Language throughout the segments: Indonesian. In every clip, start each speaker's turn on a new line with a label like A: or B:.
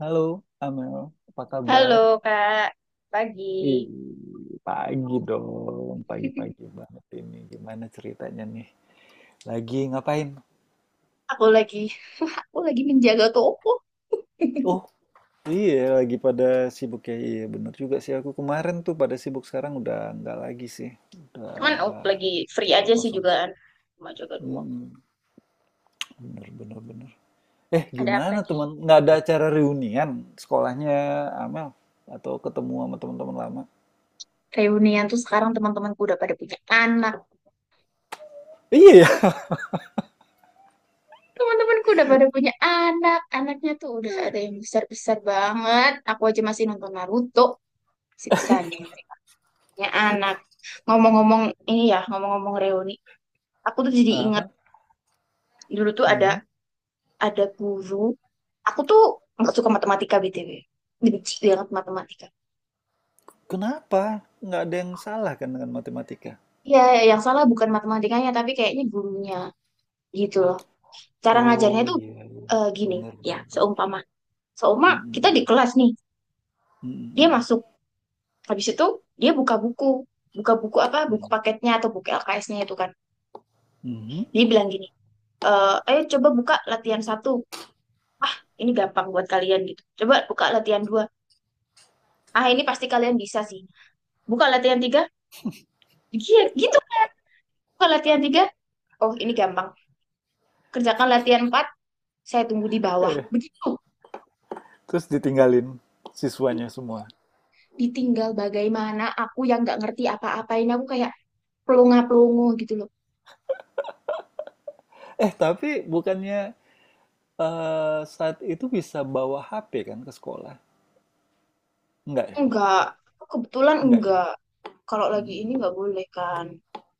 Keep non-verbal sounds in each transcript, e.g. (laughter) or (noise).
A: Halo, Amel. Apa
B: Halo
A: kabar?
B: Kak, pagi.
A: Ih, pagi dong. Pagi-pagi banget ini. Gimana ceritanya nih? Lagi ngapain?
B: Aku lagi, aku lagi menjaga toko.
A: Oh, iya. Lagi pada sibuk ya. Iya, bener juga sih. Aku kemarin tuh pada sibuk. Sekarang udah nggak lagi sih. Udah
B: Cuman aku lagi free
A: jadwal
B: aja sih
A: kosong.
B: juga kan. Cuma jaga doang.
A: Mm-mm. Bener, bener, bener. Eh,
B: Ada apa
A: gimana
B: nih?
A: teman? Nggak ada acara reunian sekolahnya Amel? Atau ketemu sama teman-teman lama?
B: Reunian tuh sekarang teman-temanku udah pada punya anak.
A: Iya ya?
B: Teman-temanku udah pada punya anak. Anaknya tuh udah ada yang besar-besar banget. Aku aja masih nonton Naruto. Sisanya mereka punya anak. Ngomong-ngomong ini ya, ngomong-ngomong reuni. Aku tuh jadi
A: (laughs)
B: inget
A: Aha.
B: dulu tuh ada
A: Mhm.
B: ada guru, aku tuh nggak suka matematika BTW, benci banget matematika.
A: Kenapa? Nggak ada yang salah kan dengan matematika?
B: Ya, yang salah bukan matematikanya tapi kayaknya gurunya, gitu loh, cara ngajarnya
A: Oh,
B: tuh
A: iya iya.
B: eh, gini,
A: Benar
B: ya
A: benar. Bener.
B: seumpama seumpama kita di
A: Mhm
B: kelas nih,
A: mhm.
B: dia
A: Mhm
B: masuk, habis itu dia buka buku, buka buku
A: mhm
B: apa, buku
A: mhm.
B: paketnya atau buku LKS-nya itu kan, dia
A: Mhm.
B: bilang gini, eh ayo coba buka latihan satu, ini gampang buat kalian gitu, coba buka latihan dua, ah ini pasti kalian bisa sih, buka latihan tiga. Iya, gitu, buka latihan tiga, oh ini gampang. Kerjakan latihan empat, saya tunggu di bawah.
A: Eh,
B: Begitu.
A: terus ditinggalin siswanya semua.
B: Ditinggal bagaimana aku yang nggak ngerti apa-apain. Aku kayak pelongo-pelongo gitu loh.
A: Eh, tapi bukannya, saat itu bisa bawa HP kan ke sekolah? Enggak ya?
B: Enggak. Kebetulan
A: Enggak ya?
B: enggak. Kalau lagi ini
A: Mmm,
B: nggak boleh kan.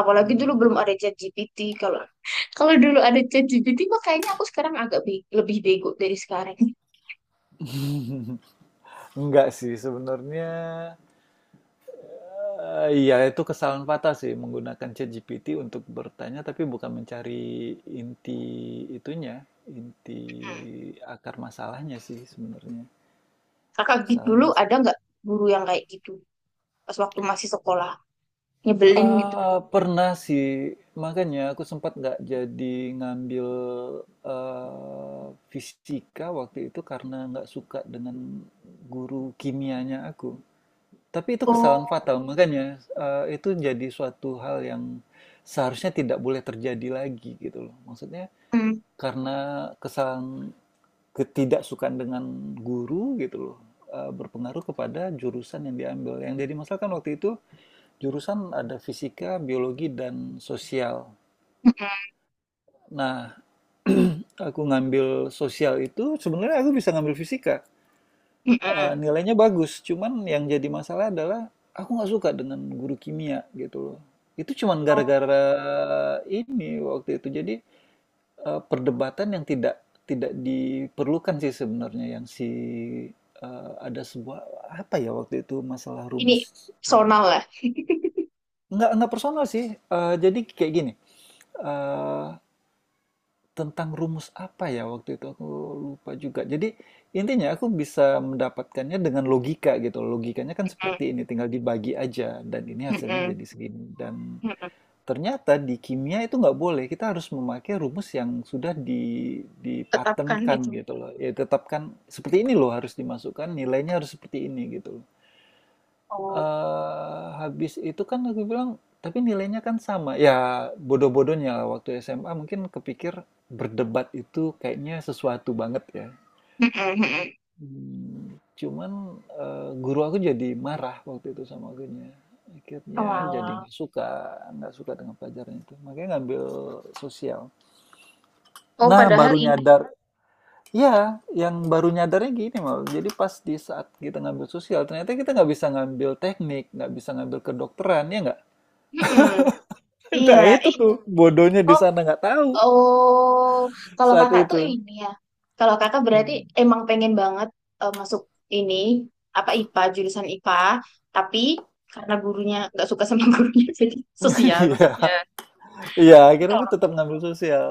B: Apalagi dulu belum ada ChatGPT. Kalau (laughs) kalau dulu ada ChatGPT mah kayaknya aku sekarang lebih bego dari sekarang.
A: mmm. (laughs) Enggak sih sebenarnya. Eh, iya, itu kesalahan fatal sih menggunakan ChatGPT untuk bertanya, tapi bukan mencari inti itunya, inti akar masalahnya sih sebenarnya.
B: Kakak gitu dulu
A: Kesalahannya di
B: ada
A: sana.
B: nggak guru yang kayak gitu pas waktu masih sekolah, nyebelin gitu?
A: Ah, pernah sih, makanya aku sempat nggak jadi ngambil, eh, fisika waktu itu karena nggak suka dengan guru kimianya aku. Tapi itu kesalahan
B: Oh,
A: fatal, makanya, itu jadi suatu hal yang seharusnya tidak boleh terjadi lagi gitu loh. Maksudnya
B: mm,
A: karena kesalahan ketidaksukaan dengan guru gitu loh, berpengaruh kepada jurusan yang diambil. Yang jadi masalah kan waktu itu jurusan ada fisika, biologi, dan sosial.
B: mm,
A: Nah, (clears throat) aku ngambil sosial itu sebenarnya aku bisa ngambil fisika. Eh,
B: mm,
A: nilainya bagus. Cuman yang jadi masalah adalah aku nggak suka dengan guru kimia gitu loh. Itu cuman
B: mm.
A: gara-gara ini waktu itu. Jadi, eh, perdebatan yang tidak tidak diperlukan sih sebenarnya yang si, eh, ada sebuah apa ya waktu itu masalah
B: Ini
A: rumus.
B: personal lah. (laughs)
A: Nggak personal sih. Eh, jadi kayak gini. Eh, tentang rumus apa ya waktu itu aku lupa juga. Jadi intinya aku bisa mendapatkannya dengan logika gitu. Logikanya kan
B: Mm,
A: seperti ini, tinggal dibagi aja dan ini
B: mm,
A: hasilnya
B: mm,
A: jadi segini. Dan
B: mm.
A: ternyata di kimia itu nggak boleh. Kita harus memakai rumus yang sudah di
B: Tetapkan
A: dipatenkan
B: itu.
A: gitu loh. Ya tetapkan seperti ini loh harus dimasukkan, nilainya harus seperti ini gitu loh.
B: Oh,
A: Habis itu kan aku bilang, "Tapi nilainya kan sama." Ya bodoh-bodohnya lah waktu SMA mungkin kepikir berdebat itu kayaknya sesuatu banget ya.
B: mm, mm, mm.
A: Mmm, cuman, guru aku jadi marah waktu itu sama gurunya. Akhirnya jadi
B: Walah.
A: nggak suka dengan pelajaran itu, makanya ngambil sosial.
B: Oh,
A: Nah
B: padahal
A: baru
B: ini.
A: nyadar, ya yang baru nyadarnya gini Mal, jadi pas di saat kita ngambil sosial ternyata kita nggak bisa ngambil teknik, nggak bisa ngambil kedokteran, ya nggak?
B: Mm-mm.
A: (laughs)
B: Iya,
A: Nah itu
B: eh,
A: tuh, iya. Bodohnya di
B: oh,
A: sana nggak tahu
B: oh, kalau
A: saat
B: kakak tuh
A: itu. Oh,
B: ini ya, kalau kakak berarti
A: hmm.
B: emang pengen banget masuk ini apa, IPA, jurusan IPA, tapi karena gurunya nggak suka sama (laughs) gurunya jadi sosial maksudnya.
A: (laughs) Iya, iya. Iya akhirnya aku tetap ngambil sosial.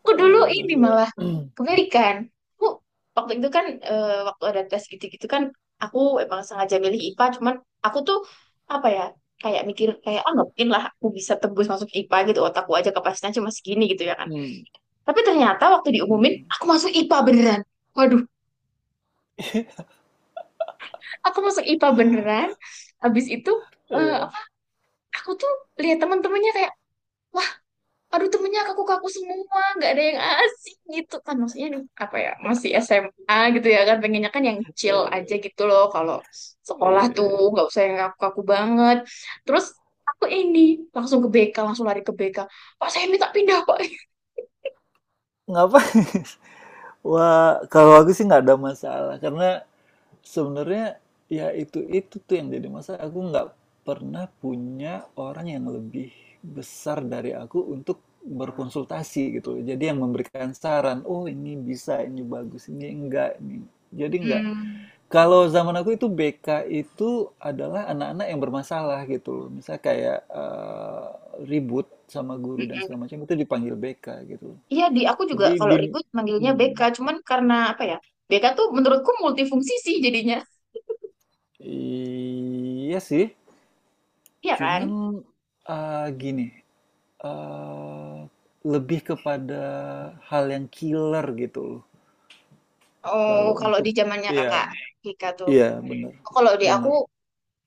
B: Aku
A: Ah,
B: dulu
A: ngambil
B: ini
A: sosial.
B: malah
A: (clears throat)
B: kebalikan. Aku waktu itu kan waktu ada tes gitu-gitu kan, aku emang sengaja milih IPA, cuman aku tuh apa ya, kayak mikir kayak ah nggak mungkin lah aku bisa tembus masuk IPA gitu, otakku aja kapasitasnya cuma segini gitu ya kan.
A: Hmm,
B: Tapi ternyata waktu diumumin
A: mhm.
B: aku masuk IPA beneran. Waduh, aku masuk IPA beneran. Habis itu eh,
A: Iya,
B: apa- aku tuh lihat teman-temannya kayak aduh, temennya kaku-kaku semua, nggak ada yang asik gitu kan, maksudnya ini apa ya, masih SMA gitu ya kan, pengennya kan yang chill aja
A: iya,
B: gitu loh, kalau sekolah
A: iya.
B: tuh nggak usah yang kaku-kaku banget. Terus aku ini langsung ke BK, langsung lari ke BK, Pak saya minta pindah Pak.
A: Ngapain? (laughs) Wah, kalau aku sih nggak ada masalah karena sebenarnya, ya itu tuh yang jadi masalah, aku nggak pernah punya orang yang lebih besar dari aku untuk berkonsultasi gitu. Jadi yang memberikan saran, oh ini bisa, ini bagus, ini enggak, ini. Jadi enggak.
B: Hmm.
A: Kalau zaman aku itu BK itu adalah anak-anak yang bermasalah gitu. Misal kayak, eh, ribut sama guru dan
B: Mm-mm.
A: segala macam itu dipanggil BK gitu.
B: Iya, di aku juga
A: Jadi
B: kalau
A: di,
B: ribut manggilnya BK,
A: hmm,
B: cuman karena apa ya? BK tuh menurutku multifungsi sih jadinya,
A: iya sih,
B: iya kan?
A: cuman, gini, eee, lebih kepada hal yang killer gitu loh,
B: Oh
A: kalau
B: kalau di
A: untuk,
B: zamannya
A: iya
B: kakak BK tuh,
A: iya, bener
B: kalau di aku
A: bener.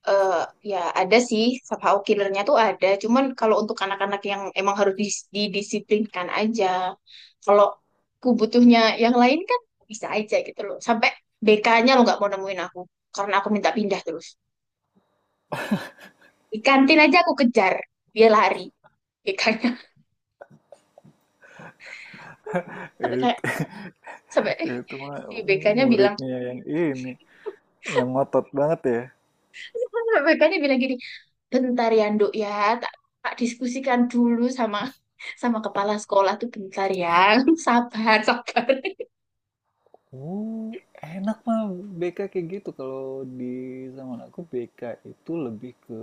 B: eh ya, ada sih somehow killernya tuh ada, cuman kalau untuk anak-anak yang emang harus didisiplinkan aja, kalau aku butuhnya yang lain kan, bisa aja gitu loh sampai BK-nya lo nggak mau nemuin aku karena aku minta pindah terus, di kantin aja aku kejar, dia lari BK-nya. (laughs) Sampai
A: Itu
B: kayak
A: (laughs)
B: sampai
A: itu mah
B: (laughs) si BK-nya bilang,
A: muridnya yang ini, yang ngotot banget ya.
B: (laughs) BK-nya bilang gini, bentar ya Nduk ya, tak, tak diskusikan dulu sama sama kepala sekolah tuh, bentar ya. (laughs) Sabar, sabar.
A: Enak mah BK kayak gitu, kalau di zaman aku BK itu lebih ke,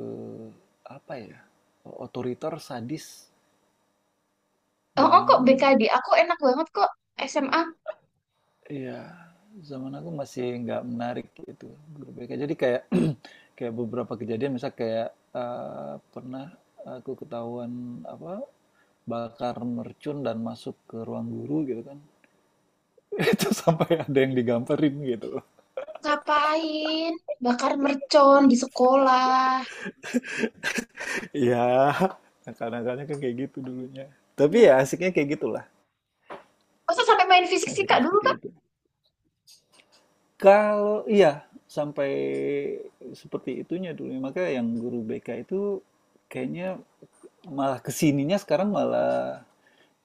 A: apa ya, otoriter, sadis,
B: Oh,
A: dan
B: oh, kok BKD? Aku enak banget kok SMA.
A: iya, zaman aku masih nggak menarik gitu guru BK. Jadi kayak (clears throat) kayak beberapa kejadian, misal kayak, eh, pernah aku ketahuan apa bakar mercun dan masuk ke ruang guru gitu kan. (laughs) Itu sampai ada yang digamperin gitu.
B: Ngapain? Bakar mercon di sekolah.
A: Iya, nah, kadang-kadang kan kayak gitu dulunya. Tapi
B: Hmm.
A: ya asiknya kayak gitulah.
B: Masa sampai main fisik fisika
A: Asiknya
B: dulu,
A: seperti
B: Kak?
A: itu. Kalau iya sampai seperti itunya dulu, maka yang guru BK itu kayaknya. Malah kesininya sekarang malah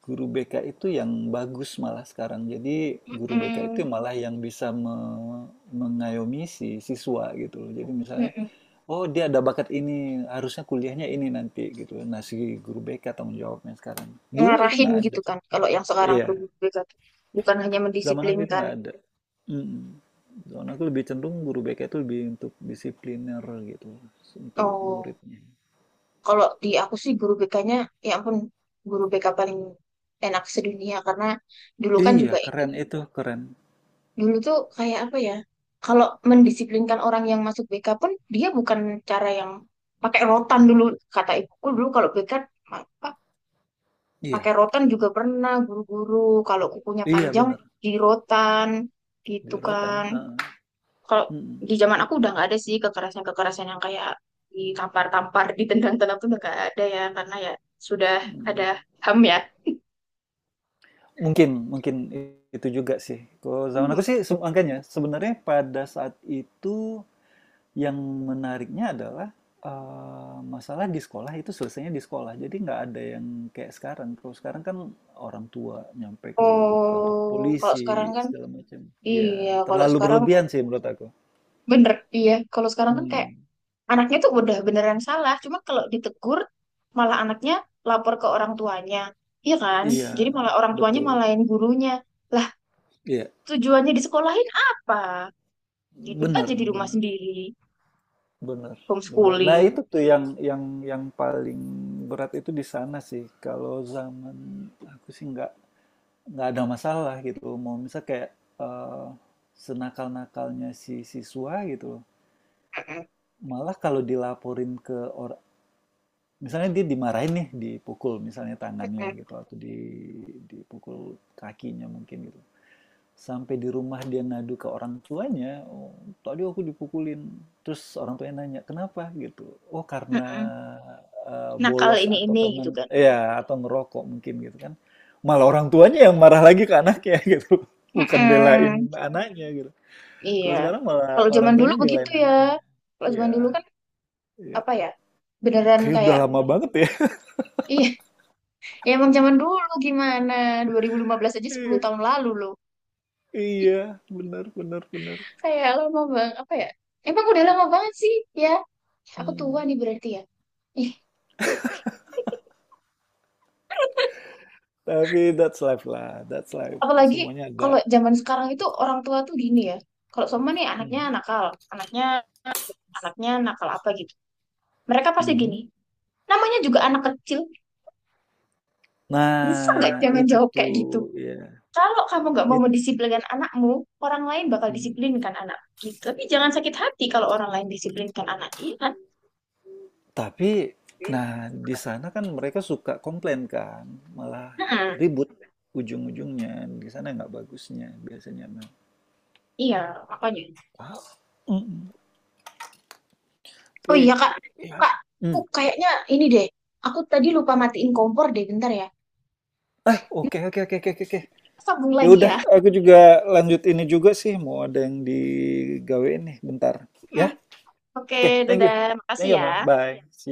A: guru BK itu yang bagus malah sekarang. Jadi guru BK itu
B: Mm-mm.
A: malah yang bisa me- mengayomi si siswa gitu loh. Jadi misalnya,
B: Mm-mm.
A: oh dia ada bakat ini, harusnya kuliahnya ini nanti gitu. Nah si guru BK tanggung jawabnya sekarang. Dulu itu
B: Ngarahin
A: nggak ada.
B: gitu kan. Kalau yang sekarang
A: Iya,
B: tuh guru BK tuh. Bukan hanya
A: zaman aku itu
B: mendisiplinkan.
A: nggak ada. Mm-mm. Zaman aku lebih cenderung guru BK itu lebih untuk disipliner gitu, untuk
B: Oh,
A: muridnya.
B: kalau di aku sih guru BK-nya, ya ampun, guru BK paling enak sedunia. Karena dulu kan
A: Iya,
B: juga,
A: keren itu, keren.
B: dulu tuh kayak apa ya? Kalau mendisiplinkan orang yang masuk BK pun dia bukan cara yang pakai rotan dulu, kata ibuku dulu kalau BK apa,
A: Iya,
B: pakai rotan juga pernah, guru-guru kalau kukunya
A: iya
B: panjang
A: bener.
B: di rotan
A: Di
B: gitu kan.
A: heeh,
B: Kalau
A: mhm
B: di zaman aku udah nggak ada sih kekerasan-kekerasan yang kayak ditampar-tampar, ditendang-tendang, tuh udah nggak ada ya, karena ya sudah ada
A: mhm.
B: HAM ya.
A: Mungkin mungkin itu juga sih. Kalau zaman
B: Hmm.
A: aku sih se makanya sebenarnya pada saat itu yang menariknya adalah, masalah di sekolah itu selesainya di sekolah. Jadi nggak ada yang kayak sekarang. Kalau sekarang kan orang tua nyampe ke kantor
B: Oh, kalau sekarang
A: polisi
B: kan
A: segala macam.
B: iya,
A: Iya,
B: kalau
A: terlalu
B: sekarang
A: berlebihan sih menurut aku.
B: bener, iya, kalau sekarang kan kayak
A: Mhm,
B: anaknya tuh udah beneran salah, cuma kalau ditegur malah anaknya lapor ke orang tuanya, iya kan, jadi
A: iya,
B: malah orang tuanya
A: betul.
B: malahin gurunya lah,
A: Iya,
B: tujuannya disekolahin apa, didik
A: bener
B: aja di rumah
A: bener.
B: sendiri,
A: Bener, bener. Nah,
B: homeschooling.
A: itu tuh yang yang paling berat itu di sana sih. Kalau zaman aku sih nggak ada masalah gitu. Mau misal kayak, eh, senakal-nakalnya si siswa gitu.
B: Mm-mm,
A: Malah kalau dilaporin ke orang, misalnya dia dimarahin nih, dipukul misalnya tangannya
B: mm-mm,
A: gitu atau di dipukul kakinya mungkin gitu. Sampai di rumah dia ngadu ke orang tuanya, "Oh, tadi aku dipukulin." Terus orang tuanya nanya, "Kenapa?" gitu. "Oh, karena,
B: mm-mm. Nakal
A: bolos atau
B: ini
A: karena"
B: gitu kan.
A: ya atau ngerokok mungkin gitu kan. Malah orang tuanya yang marah lagi ke anaknya (laughs) gitu, bukan belain
B: Mm-mm.
A: anaknya gitu.
B: Iya,
A: Kalau sekarang malah
B: kalau
A: orang
B: zaman dulu
A: tuanya
B: begitu
A: belain
B: ya,
A: anaknya.
B: kalau zaman dulu
A: Iya
B: kan
A: iya.
B: apa ya, beneran
A: Kayaknya udah
B: kayak,
A: lama banget ya.
B: iya ya emang zaman dulu gimana. 2015 aja 10 tahun
A: (laughs)
B: lalu loh.
A: Iya benar benar benar. Bener.
B: Kayak lama bang, apa ya? Emang udah lama banget sih, ya. Aku tua
A: Mhm.
B: nih berarti ya. Ih,
A: Tapi that's life lah, that's life.
B: apalagi
A: Semuanya ada
B: kalau zaman sekarang itu orang tua tuh gini ya. Kalau sama nih anaknya
A: mhm,
B: nakal, anaknya anaknya nakal apa gitu. Mereka pasti
A: mhm.
B: gini. Namanya juga anak kecil, bisa nggak
A: Nah,
B: jangan
A: itu
B: jawab kayak
A: tuh,
B: gitu.
A: ya
B: Kalau kamu nggak mau
A: it
B: mendisiplinkan anakmu, orang lain bakal
A: mhm,
B: disiplinkan anak gitu. Tapi jangan sakit hati kalau orang lain disiplinkan anaknya, ya kan?
A: tapi
B: Hmm.
A: nah di sana kan mereka suka komplain kan, malah
B: Hmm,
A: ribut ujung-ujungnya, di sana nggak bagusnya biasanya mah.
B: iya, makanya.
A: Ah, mhm,
B: Oh iya
A: tapi
B: kak,
A: ya,
B: kak, aku
A: mmm,
B: kayaknya ini deh. Aku tadi lupa matiin kompor deh, bentar ya.
A: ah, oke oke oke oke oke. Oke.
B: Sambung
A: Ya
B: lagi
A: udah
B: ya.
A: aku juga lanjut ini juga sih, mau ada yang digawe nih bentar, ya?
B: (laughs) Oke,
A: Oke,
B: dadah.
A: thank
B: Makasih
A: you,
B: ya.
A: ma bye, see you.